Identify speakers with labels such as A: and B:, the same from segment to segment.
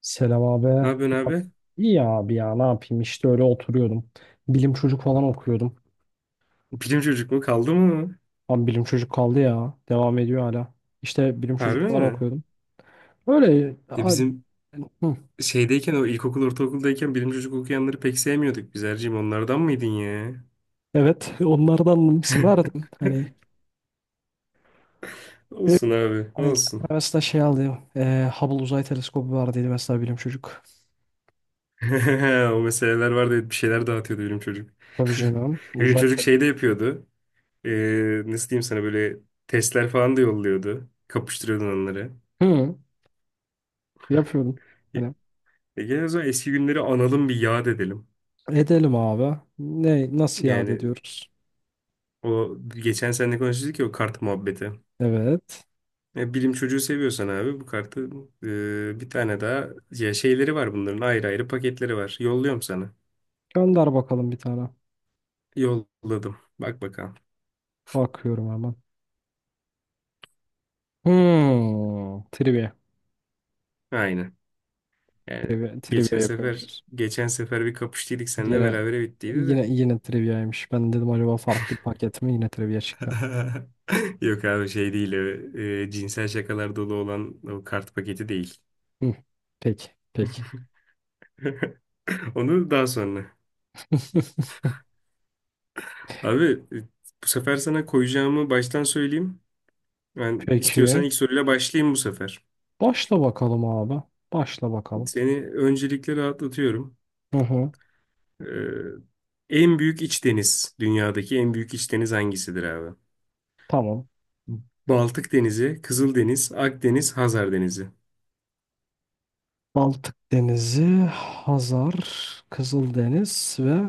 A: Selam
B: Ne
A: abi.
B: yapıyorsun abi?
A: İyi ya abi ya ne yapayım işte öyle oturuyordum. Bilim çocuk falan okuyordum.
B: Bilim çocuk mu? Kaldı mı?
A: Abi bilim çocuk kaldı ya. Devam ediyor hala. İşte bilim çocuk
B: Harbi
A: falan
B: mi?
A: okuyordum. Öyle
B: Ya bizim
A: hı.
B: şeydeyken o ilkokul ortaokuldayken bilim çocuk okuyanları pek sevmiyorduk biz Erciğim. Onlardan mıydın ya?
A: Evet onlardan severdim. Hani
B: Olsun abi
A: hani
B: olsun.
A: mesela şey aldı. Hubble Uzay Teleskobu vardıydı mesela bilim çocuk.
B: O meseleler vardı evet, bir şeyler dağıtıyordu bilim çocuk.
A: Tabii canım.
B: Bilim
A: Uzay
B: çocuk şey
A: teleskobu.
B: de yapıyordu. Nasıl diyeyim sana böyle testler falan da yolluyordu. Kapıştırıyordun onları.
A: Hı, yapıyordum.
B: E,
A: Hani
B: gel o zaman eski günleri analım bir yad edelim.
A: edelim abi. Nasıl iade
B: Yani
A: ediyoruz?
B: o geçen seninle konuştuk ya o kart muhabbeti.
A: Evet.
B: Ya bilim çocuğu seviyorsan abi bu kartı bir tane daha ya şeyleri var bunların ayrı ayrı paketleri var. Yolluyorum sana.
A: Gönder bakalım bir tane.
B: Yolladım. Bak bakalım.
A: Bakıyorum hemen. Hmm, trivia.
B: Aynen. Yani
A: Trivia, trivia
B: geçen sefer
A: yapıyormuşuz.
B: geçen sefer bir kapıştıydık seninle
A: Yine
B: beraber bittiydi de.
A: yine yine triviaymış. Ben dedim acaba farklı bir paket mi? Yine trivia çıktı.
B: Yok abi şey değil o, cinsel şakalar dolu olan o kart paketi değil.
A: Hı, peki, peki.
B: Onu daha sonra. Abi e, bu sefer sana koyacağımı baştan söyleyeyim. Ben
A: Peki.
B: istiyorsan ilk soruyla başlayayım bu sefer.
A: Başla bakalım abi. Başla bakalım.
B: Seni öncelikle rahatlatıyorum.
A: Hı hı.
B: Ee, en büyük iç deniz, dünyadaki en büyük iç deniz hangisidir abi?
A: Tamam.
B: Baltık Denizi, Kızıldeniz, Akdeniz, Hazar Denizi.
A: Baltık Denizi, Hazar, Kızıldeniz ve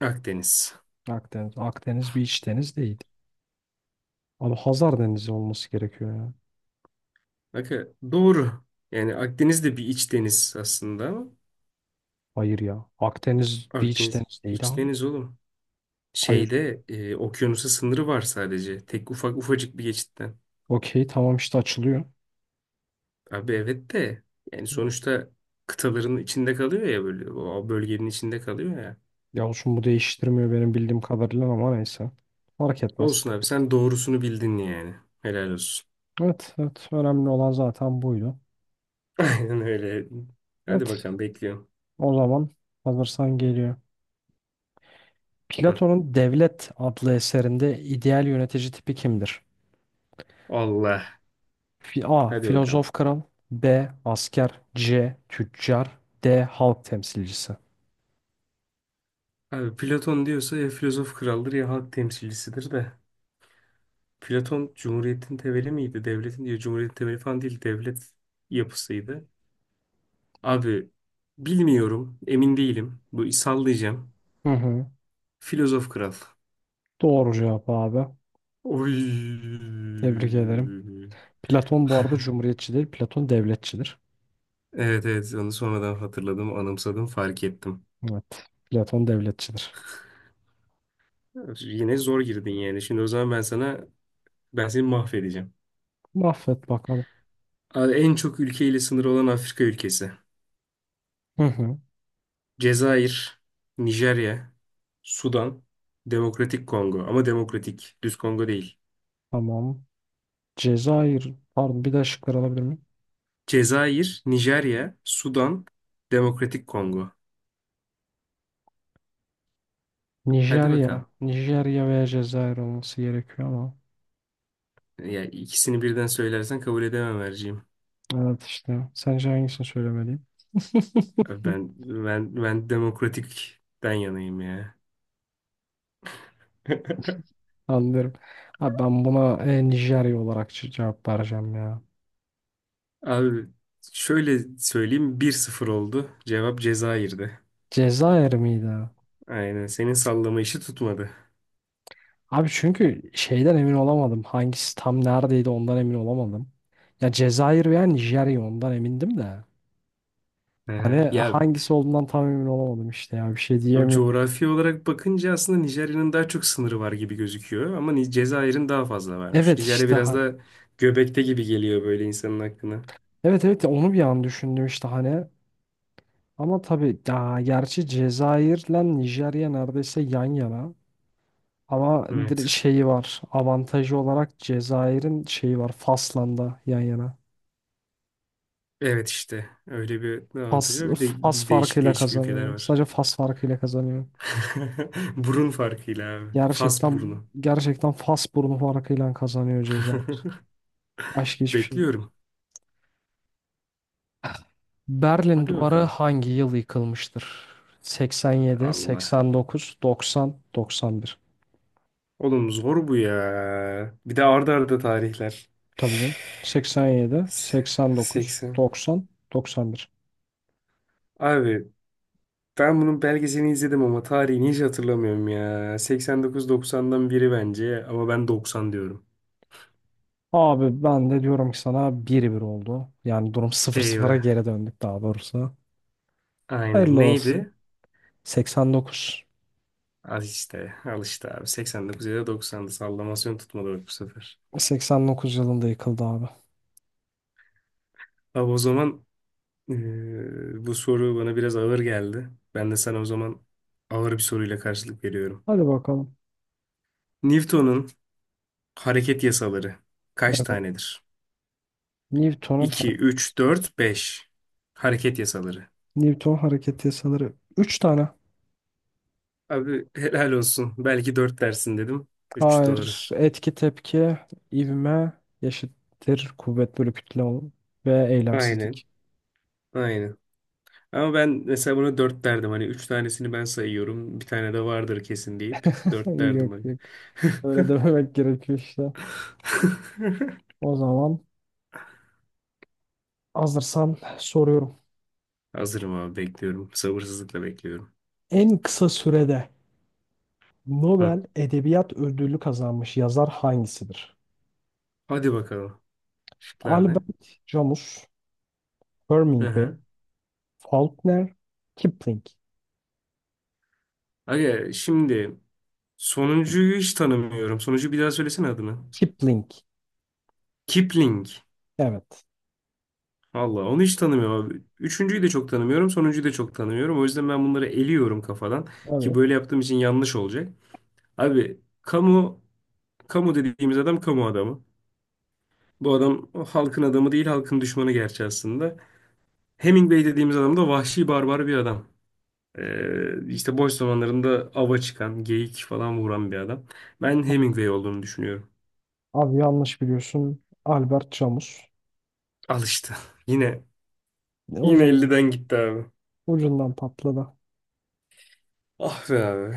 B: Akdeniz.
A: Akdeniz. Akdeniz bir iç deniz değil. Abi Hazar Denizi olması gerekiyor ya.
B: Bakın doğru. Yani Akdeniz de bir iç deniz aslında ama
A: Hayır ya. Akdeniz bir iç
B: Akdeniz
A: deniz değil
B: iç
A: abi.
B: deniz oğlum.
A: Hayır.
B: Şeyde okyanusa sınırı var sadece. Tek ufak ufacık bir geçitten.
A: Okey tamam işte açılıyor.
B: Abi evet de yani sonuçta kıtaların içinde kalıyor ya böyle o bölgenin içinde kalıyor ya.
A: Ya olsun bu değiştirmiyor benim bildiğim kadarıyla ama neyse. Fark etmez.
B: Olsun abi sen doğrusunu bildin yani. Helal olsun.
A: Evet, evet. Önemli olan zaten buydu.
B: Aynen öyle. Hadi
A: Evet,
B: bakalım bekliyorum.
A: o zaman hazırsan geliyor.
B: Hı.
A: Platon'un Devlet adlı eserinde ideal yönetici tipi kimdir?
B: Allah.
A: A.
B: Hadi bakalım.
A: Filozof kral. B. Asker. C. Tüccar. D. Halk temsilcisi.
B: Abi Platon diyorsa ya filozof kraldır ya halk temsilcisidir de. Platon cumhuriyetin temeli miydi? Devletin diyor cumhuriyetin temeli falan değil. Devlet yapısıydı. Abi bilmiyorum. Emin değilim. Bu sallayacağım.
A: Hı hı.
B: Filozof kral.
A: Doğru cevap abi.
B: Oy.
A: Tebrik ederim. Platon bu arada cumhuriyetçi değil, Platon devletçidir.
B: Evet evet onu sonradan hatırladım, anımsadım, fark ettim.
A: Evet, Platon devletçidir.
B: Yine zor girdin yani. Şimdi o zaman ben seni mahvedeceğim.
A: Mahvet bakalım.
B: Abi en çok ülkeyle sınırı olan Afrika ülkesi.
A: Hı hı.
B: Cezayir, Nijerya, Sudan, Demokratik Kongo. Ama demokratik, düz Kongo değil.
A: Tamam. Cezayir. Pardon bir daha şıkları alabilir miyim?
B: Cezayir, Nijerya, Sudan, Demokratik Kongo. Hadi
A: Nijerya.
B: bakalım.
A: Nijerya veya Cezayir olması gerekiyor ama.
B: Ya ikisini birden söylersen kabul edemem Erciğim.
A: Evet işte. Sence hangisini söylemeliyim?
B: Abi Ben demokratikten yanayım ya.
A: Anlıyorum. Abi ben buna Nijerya olarak cevap vereceğim ya.
B: Abi şöyle söyleyeyim 1-0 oldu. Cevap Cezayir'di.
A: Cezayir miydi?
B: Aynen senin sallama işi tutmadı.
A: Abi çünkü şeyden emin olamadım. Hangisi tam neredeydi ondan emin olamadım. Ya Cezayir veya Nijerya ondan emindim de.
B: Hı
A: Hani
B: hı. Ya
A: hangisi olduğundan tam emin olamadım işte ya bir şey
B: abi
A: diyemiyorum.
B: coğrafi olarak bakınca aslında Nijerya'nın daha çok sınırı var gibi gözüküyor. Ama Cezayir'in daha fazla varmış.
A: Evet
B: Nijerya
A: işte.
B: biraz da göbekte gibi geliyor böyle insanın aklına.
A: Evet, evet, ya onu bir an düşündüm işte hani. Ama tabii ya gerçi Cezayir'le Nijerya neredeyse yan yana. Ama
B: Evet.
A: şeyi var. Avantajı olarak Cezayir'in şeyi var. Fas'la da yan yana.
B: Evet işte. Öyle bir avantajı
A: Fas,
B: var. Bir de
A: Fas
B: değişik
A: farkıyla
B: değişik ülkeler
A: kazanıyor.
B: var.
A: Sadece Fas farkıyla kazanıyor.
B: Burun farkıyla abi. Fas
A: Gerçekten
B: burnu.
A: gerçekten Fas burnu farkıyla kazanıyor Cezayir. Başka hiçbir şey değil.
B: Bekliyorum.
A: Berlin
B: Hadi
A: Duvarı
B: bakalım.
A: hangi yıl yıkılmıştır? 87,
B: Allah.
A: 89, 90, 91.
B: Oğlum zor bu ya. Bir de arda arda tarihler.
A: Tabii canım. 87, 89,
B: 80.
A: 90, 91.
B: Abi ben bunun belgeselini izledim ama tarihini hiç hatırlamıyorum ya. 89-90'dan biri bence ama ben 90 diyorum.
A: Abi ben de diyorum ki sana 1 bir oldu. Yani durum sıfır sıfıra
B: Eyvah.
A: geri döndük daha doğrusu.
B: Aynen.
A: Hayırlı olsun.
B: Neydi?
A: 89.
B: Al işte. Al işte abi. 89 ya da 90'dı. Sallamasyon tutmadı bak bu sefer.
A: 89 yılında yıkıldı abi.
B: Abi o zaman eee, bu soru bana biraz ağır geldi. Ben de sana o zaman ağır bir soruyla karşılık veriyorum.
A: Hadi bakalım.
B: Newton'un hareket yasaları kaç
A: Evet.
B: tanedir?
A: Newton'un
B: 2,
A: hare-
B: 3, 4, 5. Hareket yasaları.
A: Newton hareket yasaları üç tane.
B: Abi helal olsun. Belki dört dersin dedim. Üç doğru.
A: Hayır. Etki tepki, ivme, eşittir kuvvet bölü kütle ve
B: Aynen.
A: eylemsizlik.
B: Aynen. Ama ben mesela buna dört derdim. Hani üç tanesini ben sayıyorum. Bir tane de vardır kesin deyip dört derdim
A: Yok
B: hani.
A: yok. Öyle dememek gerekiyor işte. O zaman hazırsan soruyorum.
B: Hazırım abi bekliyorum. Sabırsızlıkla bekliyorum.
A: En kısa sürede
B: Hı.
A: Nobel Edebiyat Ödülü kazanmış yazar hangisidir?
B: Hadi bakalım. Şıklar ne?
A: Albert Camus,
B: Hı
A: Hemingway,
B: hı.
A: Faulkner, Kipling.
B: Aga şimdi sonuncuyu hiç tanımıyorum. Sonuncu bir daha söylesene adını.
A: Kipling.
B: Kipling.
A: Evet.
B: Allah onu hiç tanımıyorum abi. Üçüncüyü de çok tanımıyorum. Sonuncuyu da çok tanımıyorum. O yüzden ben bunları eliyorum kafadan. Ki
A: Evet.
B: böyle yaptığım için yanlış olacak. Abi kamu dediğimiz adam kamu adamı. Bu adam o halkın adamı değil halkın düşmanı gerçi aslında. Hemingway dediğimiz adam da vahşi barbar bir adam. İşte boş zamanlarında ava çıkan, geyik falan vuran bir adam. Ben Hemingway olduğunu düşünüyorum.
A: Abi yanlış biliyorsun. Albert Camus.
B: Al işte. Yine
A: Ne
B: yine
A: ucundan.
B: 50'den gitti abi.
A: Ucundan patladı.
B: Ah be abi.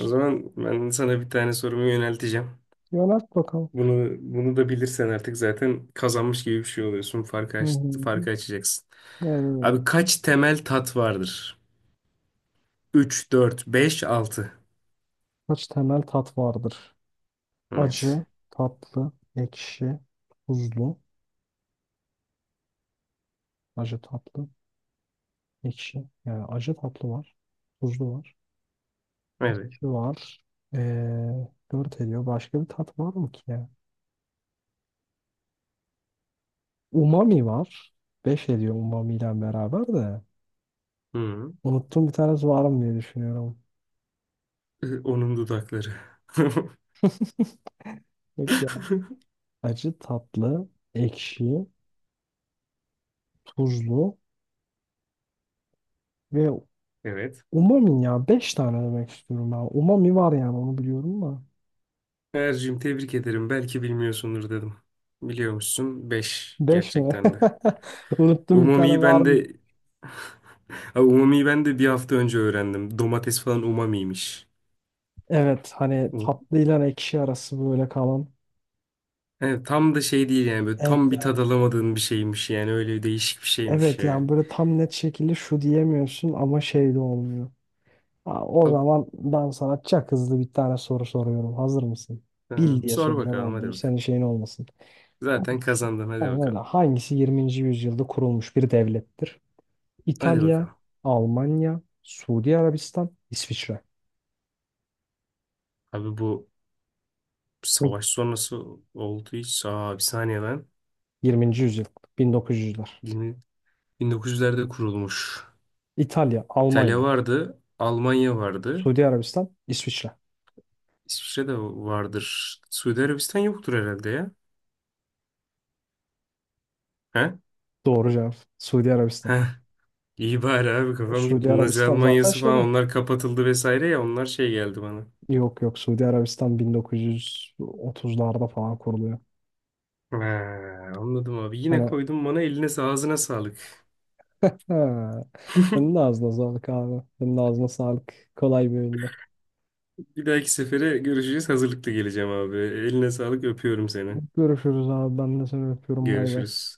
B: O zaman ben sana bir tane sorumu yönelteceğim.
A: Yönelt bakalım.
B: Bunu da bilirsen artık zaten kazanmış gibi bir şey oluyorsun. Farkı
A: Hı
B: aç,
A: hı.
B: farkı açacaksın.
A: Evet. Evet.
B: Abi kaç temel tat vardır? Üç, dört, beş, altı.
A: Kaç temel tat vardır?
B: Evet.
A: Acı, tatlı, ekşi, tuzlu. Acı, tatlı. Ekşi. Yani acı tatlı var. Tuzlu var.
B: Evet.
A: Ekşi var. 4 ediyor. Başka bir tat var mı ki ya? Umami var. Beş ediyor umami ile beraber de.
B: Hı.
A: Unuttum bir tanesi var mı diye düşünüyorum.
B: Onun dudakları.
A: Yok ya. Acı tatlı, ekşi, tuzlu ve
B: Evet.
A: umami ya. Beş tane demek istiyorum ben. Umami var yani onu biliyorum da.
B: Ercim tebrik ederim. Belki bilmiyorsundur dedim. Biliyormuşsun. Beş
A: Beş mi?
B: gerçekten de.
A: Unuttum bir tane
B: Umami'yi
A: var
B: ben
A: mı?
B: de abi umami'yi ben de bir hafta önce öğrendim. Domates falan umamiymiş.
A: Evet hani tatlı ile ekşi arası böyle kalan.
B: Evet, tam da şey değil yani böyle
A: Evet,
B: tam bir tad alamadığın bir şeymiş yani öyle değişik bir şeymiş
A: evet,
B: ya.
A: yani böyle tam net şekilde şu diyemiyorsun ama şey de olmuyor. Ha, o
B: Abi,
A: zaman ben sana çok hızlı bir tane soru soruyorum. Hazır mısın?
B: e,
A: Bil diye
B: sor
A: soracağım
B: bakalım
A: ama
B: hadi
A: bunu
B: bakalım.
A: senin şeyin olmasın.
B: Zaten
A: Hangisi?
B: kazandın hadi
A: Aynen öyle.
B: bakalım.
A: Hangisi 20. yüzyılda kurulmuş bir devlettir?
B: Hadi
A: İtalya,
B: bakalım.
A: Almanya, Suudi Arabistan, İsviçre.
B: Abi bu savaş sonrası oldu hiç. Aa bir saniye lan.
A: 20. yüzyıl, 1900'ler.
B: 20 1900'lerde kurulmuş.
A: İtalya,
B: İtalya
A: Almanya,
B: vardı, Almanya vardı,
A: Suudi Arabistan, İsviçre.
B: İsviçre de vardır. Suudi Arabistan yoktur herhalde ya. He?
A: Doğru cevap. Suudi Arabistan.
B: Heh. İyi bari abi kafam
A: Suudi
B: gitti. Nazi
A: Arabistan zaten
B: Almanyası falan
A: şeyde.
B: onlar kapatıldı vesaire ya onlar şey geldi bana.
A: Yok yok Suudi Arabistan 1930'larda falan kuruluyor.
B: He, anladım abi. Yine
A: Hani
B: koydum bana eline ağzına sağlık.
A: ha, senin de ağzına sağlık abi. Senin de ağzına sağlık. Kolay bir oyunda.
B: Bir dahaki sefere görüşeceğiz. Hazırlıklı geleceğim abi. Eline sağlık. Öpüyorum seni.
A: Görüşürüz abi. Ben de seni öpüyorum. Bay bay.
B: Görüşürüz.